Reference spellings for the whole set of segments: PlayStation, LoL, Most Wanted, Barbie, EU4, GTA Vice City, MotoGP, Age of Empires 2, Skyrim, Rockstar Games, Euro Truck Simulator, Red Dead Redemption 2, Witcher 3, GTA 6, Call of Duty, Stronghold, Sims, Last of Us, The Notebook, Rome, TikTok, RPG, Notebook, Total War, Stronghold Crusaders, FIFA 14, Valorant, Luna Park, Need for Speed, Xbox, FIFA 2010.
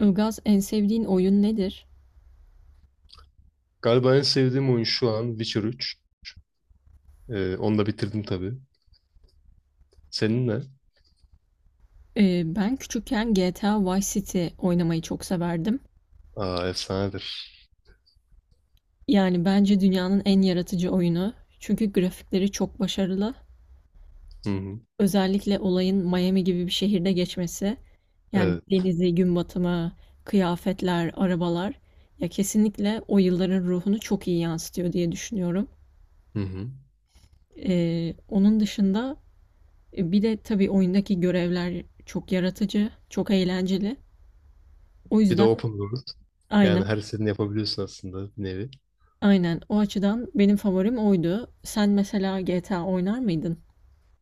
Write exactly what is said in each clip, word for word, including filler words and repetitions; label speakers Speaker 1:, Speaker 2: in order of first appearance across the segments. Speaker 1: Ilgaz en sevdiğin oyun nedir?
Speaker 2: Galiba en sevdiğim oyun şu an Witcher üç. Ee, onu da bitirdim tabii. Senin ne?
Speaker 1: Ee, ben küçükken G T A Vice City oynamayı çok severdim.
Speaker 2: Aa, efsanedir.
Speaker 1: Yani bence dünyanın en yaratıcı oyunu. Çünkü grafikleri çok başarılı.
Speaker 2: Hı hı.
Speaker 1: Özellikle olayın Miami gibi bir şehirde geçmesi. Yani
Speaker 2: Evet.
Speaker 1: denizi, gün batımı, kıyafetler, arabalar. Ya kesinlikle o yılların ruhunu çok iyi yansıtıyor diye düşünüyorum.
Speaker 2: Hı hı.
Speaker 1: Ee, onun dışında e, bir de tabii oyundaki görevler çok yaratıcı, çok eğlenceli. O
Speaker 2: Bir de
Speaker 1: yüzden
Speaker 2: open world. Yani
Speaker 1: aynen.
Speaker 2: her istediğini yapabiliyorsun aslında bir nevi.
Speaker 1: Aynen. O açıdan benim favorim oydu. Sen mesela G T A oynar mıydın?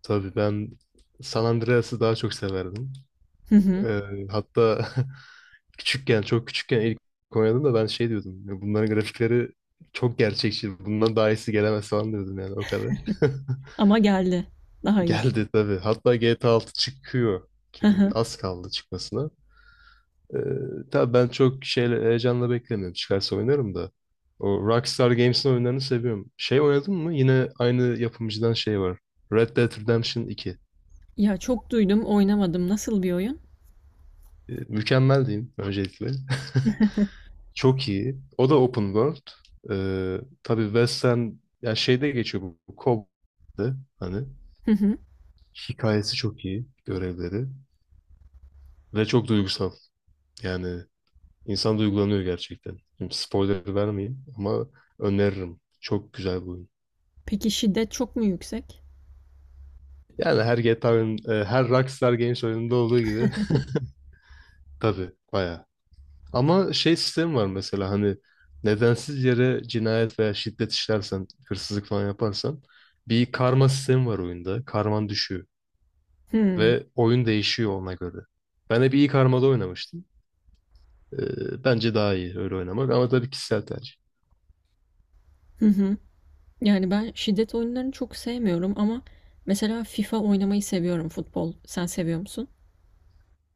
Speaker 2: Tabii ben San Andreas'ı daha çok severdim.
Speaker 1: Hı hı.
Speaker 2: Ee, Hatta küçükken, çok küçükken ilk oynadım da ben şey diyordum. "Ya, bunların grafikleri çok gerçekçi. Bundan daha iyisi gelemez," falan diyordum, yani o kadar.
Speaker 1: Ama geldi. Daha iyisi.
Speaker 2: Geldi tabii. Hatta G T A altı çıkıyor
Speaker 1: Hı
Speaker 2: gibi.
Speaker 1: hı.
Speaker 2: Az kaldı çıkmasına. Ee, tabii ben çok şeyle heyecanla beklemiyorum. Çıkarsa oynarım da. O Rockstar Games'in oyunlarını seviyorum. Şey oynadın mı? Yine aynı yapımcıdan şey var. Red Dead Redemption iki.
Speaker 1: Ya çok duydum, oynamadım. Nasıl bir oyun?
Speaker 2: Ee, mükemmel diyeyim öncelikle. Çok iyi. O da open world. Ee, tabii Western, yani şeyde geçiyor, bu. bu Cowboy'da, hani
Speaker 1: Hı hı.
Speaker 2: hikayesi çok iyi. Görevleri. Ve çok duygusal. Yani insan duygulanıyor gerçekten. Şimdi spoiler vermeyeyim ama öneririm. Çok güzel bu oyun.
Speaker 1: Peki şiddet çok mu yüksek?
Speaker 2: Yani her G T A oyun, e, her Rockstar Games oyununda olduğu gibi tabii bayağı. Ama şey sistemi var mesela, hani nedensiz yere cinayet veya şiddet işlersen, hırsızlık falan yaparsan, bir karma sistemi var oyunda. Karman düşüyor
Speaker 1: Hı.
Speaker 2: ve oyun değişiyor ona göre. Ben hep iyi karmada oynamıştım. E, bence daha iyi öyle oynamak ama tabii kişisel tercih.
Speaker 1: Hı hı. Yani ben şiddet oyunlarını çok sevmiyorum ama mesela FIFA oynamayı seviyorum futbol. Sen seviyor musun?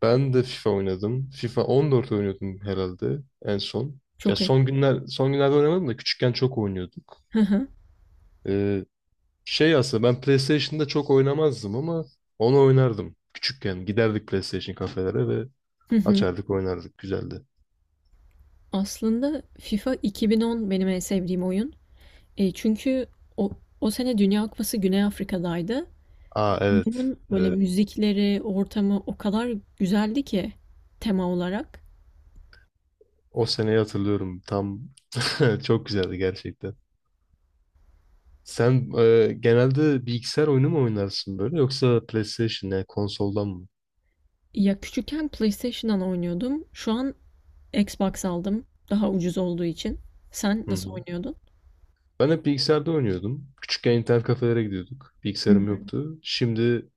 Speaker 2: Ben de FIFA oynadım. FIFA on dört oynuyordum herhalde en son. Ya,
Speaker 1: Çok iyi.
Speaker 2: son günler son günlerde oynamadım da küçükken çok oynuyorduk.
Speaker 1: Hı hı.
Speaker 2: Ee, Şey aslında ben PlayStation'da çok oynamazdım ama onu oynardım. Küçükken giderdik PlayStation kafelere ve
Speaker 1: Hı hı.
Speaker 2: açardık, oynardık. Güzeldi.
Speaker 1: Aslında FIFA iki bin on benim en sevdiğim oyun. E, çünkü o, o sene Dünya Kupası Güney Afrika'daydı.
Speaker 2: Aa, evet.
Speaker 1: Bunun böyle
Speaker 2: Evet.
Speaker 1: müzikleri, ortamı o kadar güzeldi ki tema olarak.
Speaker 2: O seneyi hatırlıyorum. Tam çok güzeldi gerçekten. Sen e, genelde bilgisayar oyunu mu oynarsın böyle, yoksa PlayStation, yani konsoldan mı?
Speaker 1: Ya küçükken PlayStation'dan oynuyordum. Şu an Xbox aldım. Daha ucuz olduğu için. Sen
Speaker 2: Hı
Speaker 1: nasıl
Speaker 2: hı.
Speaker 1: oynuyordun?
Speaker 2: Ben hep bilgisayarda oynuyordum. Küçükken internet kafelere gidiyorduk.
Speaker 1: Hı
Speaker 2: Bilgisayarım
Speaker 1: hı.
Speaker 2: yoktu. Şimdi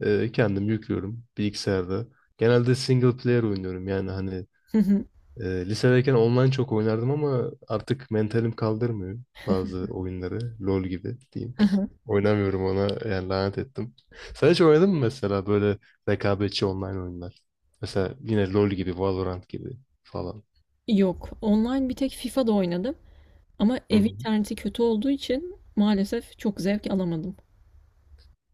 Speaker 2: e, kendim yüklüyorum bilgisayarda. Genelde single player oynuyorum, yani hani.
Speaker 1: Hı hı.
Speaker 2: Ee, lisedeyken online çok oynardım ama artık mentalim kaldırmıyor bazı oyunları. LoL gibi diyeyim.
Speaker 1: Hı hı.
Speaker 2: Oynamıyorum ona, yani lanet ettim. Sen hiç oynadın mı mesela böyle rekabetçi online oyunlar? Mesela yine LoL gibi, Valorant gibi falan.
Speaker 1: Yok. Online bir tek FIFA'da oynadım. Ama
Speaker 2: Hı
Speaker 1: ev
Speaker 2: hı.
Speaker 1: interneti kötü olduğu için maalesef çok zevk alamadım.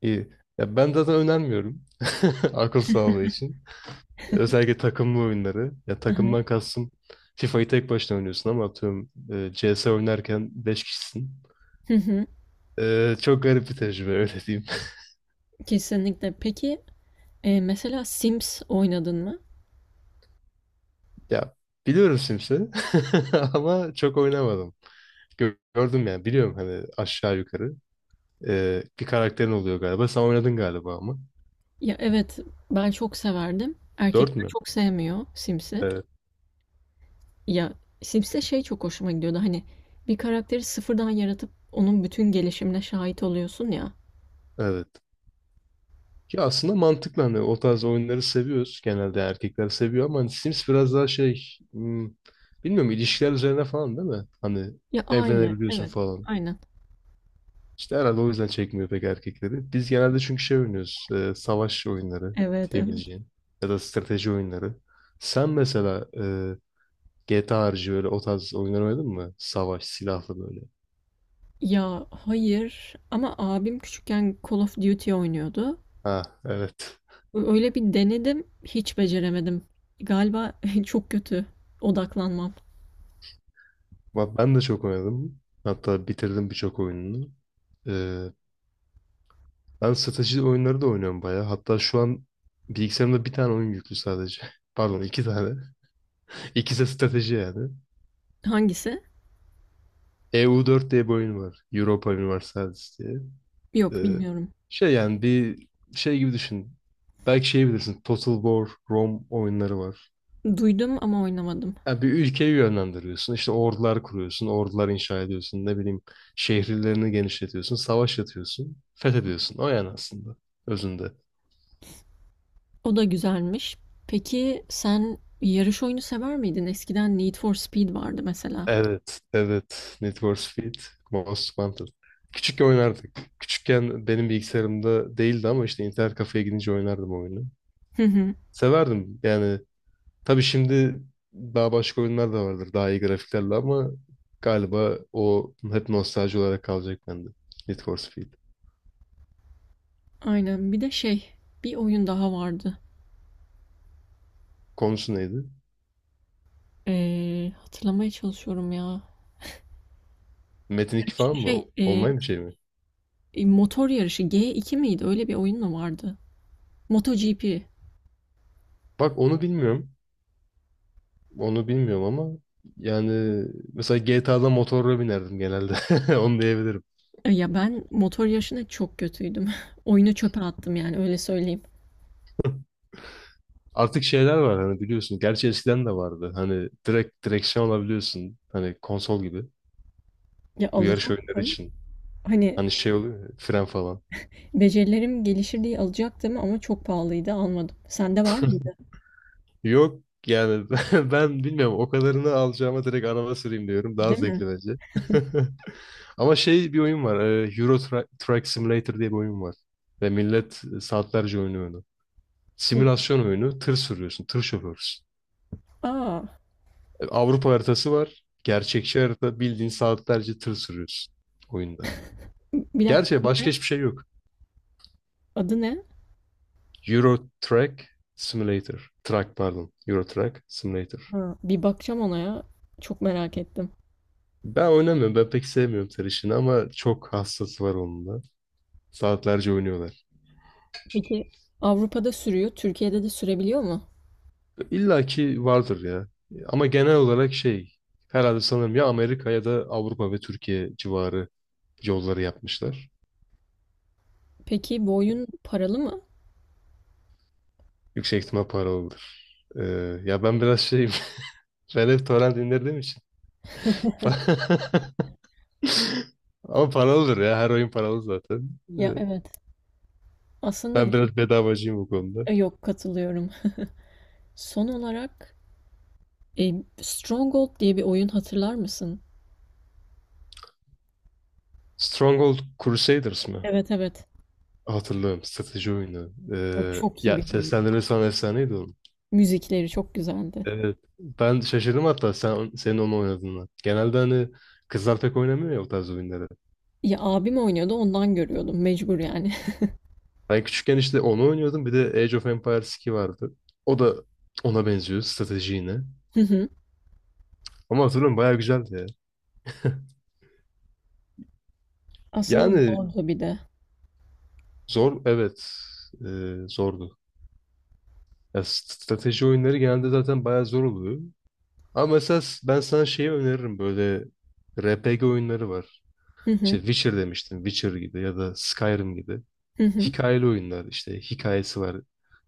Speaker 2: İyi. Ya, ben zaten önermiyorum akıl sağlığı için. Özellikle takımlı oyunları. Ya,
Speaker 1: Hı hı.
Speaker 2: takımdan kastım, fifayı tek başına oynuyorsun ama atıyorum e, C S oynarken beş kişisin.
Speaker 1: Hı hı.
Speaker 2: E, çok garip bir tecrübe, öyle diyeyim.
Speaker 1: Kesinlikle. Peki e, mesela Sims oynadın mı?
Speaker 2: Ya, biliyorum Sims'i ama çok oynamadım. Gö- Gördüm, yani biliyorum hani, aşağı yukarı. Ee, bir karakterin oluyor galiba. Sen oynadın galiba ama.
Speaker 1: Ya evet, ben çok severdim.
Speaker 2: Dört
Speaker 1: Erkekler
Speaker 2: mü?
Speaker 1: çok sevmiyor Sims'i.
Speaker 2: Evet.
Speaker 1: Ya Sims'te şey çok hoşuma gidiyordu, hani bir karakteri sıfırdan yaratıp onun bütün gelişimine şahit oluyorsun ya.
Speaker 2: Evet. Ki aslında mantıklı, hani o tarz oyunları seviyoruz. Genelde erkekler seviyor ama hani Sims biraz daha şey, hmm, bilmiyorum, ilişkiler üzerine falan, değil mi? Hani
Speaker 1: Ya aile,
Speaker 2: evlenebiliyorsun
Speaker 1: evet,
Speaker 2: falan.
Speaker 1: aynen.
Speaker 2: İşte herhalde o yüzden çekmiyor pek erkekleri. Biz genelde çünkü şey oynuyoruz, e, savaş oyunları
Speaker 1: Evet, evet.
Speaker 2: diyebileceğin. Ya da strateji oyunları. Sen mesela e, G T A harici böyle o tarz oyunlar oynadın mı? Savaş, silahlı böyle.
Speaker 1: Ya hayır, ama abim küçükken Call of Duty oynuyordu.
Speaker 2: Ha, evet.
Speaker 1: Ö- Öyle bir denedim, hiç beceremedim. Galiba çok kötü odaklanmam.
Speaker 2: Bak, ben de çok oynadım. Hatta bitirdim birçok oyununu. E, Ben strateji oyunları da oynuyorum bayağı. Hatta şu an bilgisayarımda bir tane oyun yüklü sadece. Pardon, iki tane. İkisi de strateji, yani.
Speaker 1: Hangisi?
Speaker 2: E U dört diye bir oyun var. Europa Universalis diye.
Speaker 1: Yok,
Speaker 2: Ee,
Speaker 1: bilmiyorum.
Speaker 2: Şey, yani bir şey gibi düşün. Belki şey bilirsin. Total War, Rome oyunları var.
Speaker 1: Duydum ama oynamadım.
Speaker 2: Yani bir ülkeyi yönlendiriyorsun. İşte ordular kuruyorsun. Ordular inşa ediyorsun. Ne bileyim, şehirlerini genişletiyorsun. Savaş yatıyorsun. Fethediyorsun. O, yani aslında. Özünde.
Speaker 1: O da güzelmiş. Peki sen yarış oyunu sever miydin? Eskiden Need for Speed vardı mesela.
Speaker 2: Evet. Evet. Need for Speed. Most Wanted. Küçükken oynardık. Küçükken benim bilgisayarımda değildi ama işte internet kafeye gidince oynardım oyunu. Severdim yani. Tabii şimdi daha başka oyunlar da vardır. Daha iyi grafiklerle ama galiba o hep nostalji olarak kalacak bende. Need for Speed.
Speaker 1: Aynen. Bir de şey, bir oyun daha vardı.
Speaker 2: Konusu neydi?
Speaker 1: Ee, hatırlamaya çalışıyorum ya.
Speaker 2: Metin iki falan mı?
Speaker 1: Şey, e,
Speaker 2: Online bir şey mi?
Speaker 1: e, motor yarışı ge iki miydi? Öyle bir oyun mu vardı? MotoGP.
Speaker 2: Bak, onu bilmiyorum. Onu bilmiyorum ama yani mesela G T A'da motorla binerdim genelde. Onu diyebilirim.
Speaker 1: E, ya ben motor yarışına çok kötüydüm. Oyunu çöpe attım, yani öyle söyleyeyim.
Speaker 2: Artık şeyler var hani, biliyorsun. Gerçi eskiden de vardı. Hani direkt direksiyon alabiliyorsun. Hani konsol gibi.
Speaker 1: Ya
Speaker 2: Bu yarış oyunları
Speaker 1: alacaktım.
Speaker 2: için.
Speaker 1: Hani
Speaker 2: Hani şey oluyor ya, fren falan.
Speaker 1: becerilerim gelişir diye alacaktım ama çok pahalıydı, almadım. Sende var mıydı?
Speaker 2: Yok yani ben ben bilmiyorum, o kadarını alacağıma direkt araba süreyim diyorum. Daha
Speaker 1: Değil mi?
Speaker 2: zevkli bence. Ama şey, bir oyun var. e, Euro Tra- Truck Simulator diye bir oyun var. Ve millet saatlerce oynuyor onu. Simülasyon oyunu. Tır sürüyorsun. Tır şoförsün.
Speaker 1: Aa,
Speaker 2: E, Avrupa haritası var. Gerçekçi harita. Bildiğin saatlerce tır sürüyorsun oyunda.
Speaker 1: bir dakika,
Speaker 2: Gerçi başka hiçbir şey yok.
Speaker 1: adı ne?
Speaker 2: Euro Truck Simulator. Truck, pardon. Euro Truck Simulator.
Speaker 1: Ha, bir bakacağım ona ya. Çok merak ettim.
Speaker 2: Ben oynamıyorum. Ben pek sevmiyorum tır işini ama çok hassası var onun da. Saatlerce oynuyorlar.
Speaker 1: Peki Avrupa'da sürüyor, Türkiye'de de sürebiliyor mu?
Speaker 2: İlla ki vardır ya. Ama genel olarak şey, herhalde sanırım ya Amerika ya da Avrupa ve Türkiye civarı yolları yapmışlar.
Speaker 1: Peki bu oyun paralı mı?
Speaker 2: Yüksek ihtimal paralıdır. Ee, Ya ben biraz şeyim. Ben hep torrent indirdiğim için. Ama paralıdır ya. Her oyun paralı zaten.
Speaker 1: Ya
Speaker 2: Ee,
Speaker 1: evet. Aslında
Speaker 2: ben biraz bedavacıyım bu konuda.
Speaker 1: e, yok, katılıyorum. Son olarak e, Stronghold diye bir oyun hatırlar mısın?
Speaker 2: Stronghold Crusaders mı?
Speaker 1: Evet, evet.
Speaker 2: Hatırlıyorum. Strateji oyunu.
Speaker 1: O
Speaker 2: Ee,
Speaker 1: çok iyi
Speaker 2: ya,
Speaker 1: bir oyun.
Speaker 2: seslendirmesi falan efsaneydi o.
Speaker 1: Müzikleri çok güzeldi.
Speaker 2: Evet. Ben şaşırdım hatta sen senin onu oynadığına. Genelde hani kızlar pek oynamıyor ya o tarz oyunları.
Speaker 1: Ya abim oynuyordu, ondan görüyordum mecbur yani.
Speaker 2: Ben küçükken işte onu oynuyordum. Bir de Age of Empires iki vardı. O da ona benziyor, strateji yine.
Speaker 1: Hı hı.
Speaker 2: Ama hatırlıyorum, bayağı güzeldi ya.
Speaker 1: Aslında
Speaker 2: Yani
Speaker 1: zordu bir de.
Speaker 2: zor, evet. Ee, zordu. Ya, strateji oyunları genelde zaten bayağı zor oluyor. Ama mesela s- ben sana şeyi öneririm böyle, R P G oyunları var.
Speaker 1: Hı
Speaker 2: İşte
Speaker 1: hı.
Speaker 2: Witcher demiştim. Witcher gibi ya da Skyrim gibi.
Speaker 1: Hı hı.
Speaker 2: Hikayeli oyunlar işte, hikayesi var.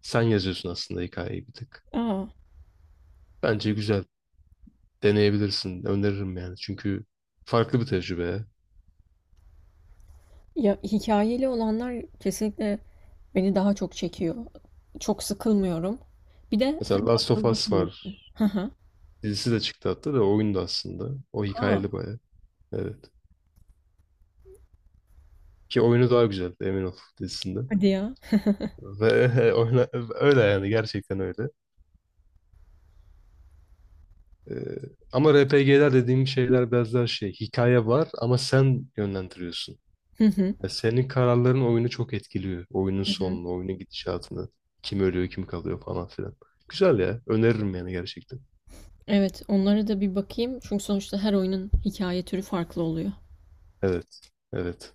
Speaker 2: Sen yazıyorsun aslında hikayeyi bir tık.
Speaker 1: Aa.
Speaker 2: Bence güzel. Deneyebilirsin. Öneririm yani. Çünkü farklı bir tecrübe.
Speaker 1: Ya hikayeli olanlar kesinlikle beni daha çok çekiyor. Çok sıkılmıyorum. Bir de
Speaker 2: Mesela
Speaker 1: hani
Speaker 2: Last of
Speaker 1: akılda
Speaker 2: Us var.
Speaker 1: kalıcı. Hı hı.
Speaker 2: Dizisi de çıktı hatta, da oyun da aslında. O
Speaker 1: A!
Speaker 2: hikayeli baya. Evet. Ki oyunu daha güzel emin ol dizisinde.
Speaker 1: Hadi ya.
Speaker 2: Ve oyna, öyle yani, gerçekten öyle. Ee, Ama R P G'ler dediğim şeyler biraz daha şey, hikaye var ama sen yönlendiriyorsun.
Speaker 1: Hı hı.
Speaker 2: Ya, senin kararların oyunu çok etkiliyor. Oyunun
Speaker 1: Hı hı.
Speaker 2: sonunu, oyunun gidişatını. Kim ölüyor, kim kalıyor falan filan. Güzel ya. Öneririm yani gerçekten.
Speaker 1: Evet, onlara da bir bakayım. Çünkü sonuçta her oyunun hikaye türü farklı oluyor.
Speaker 2: Evet. Evet.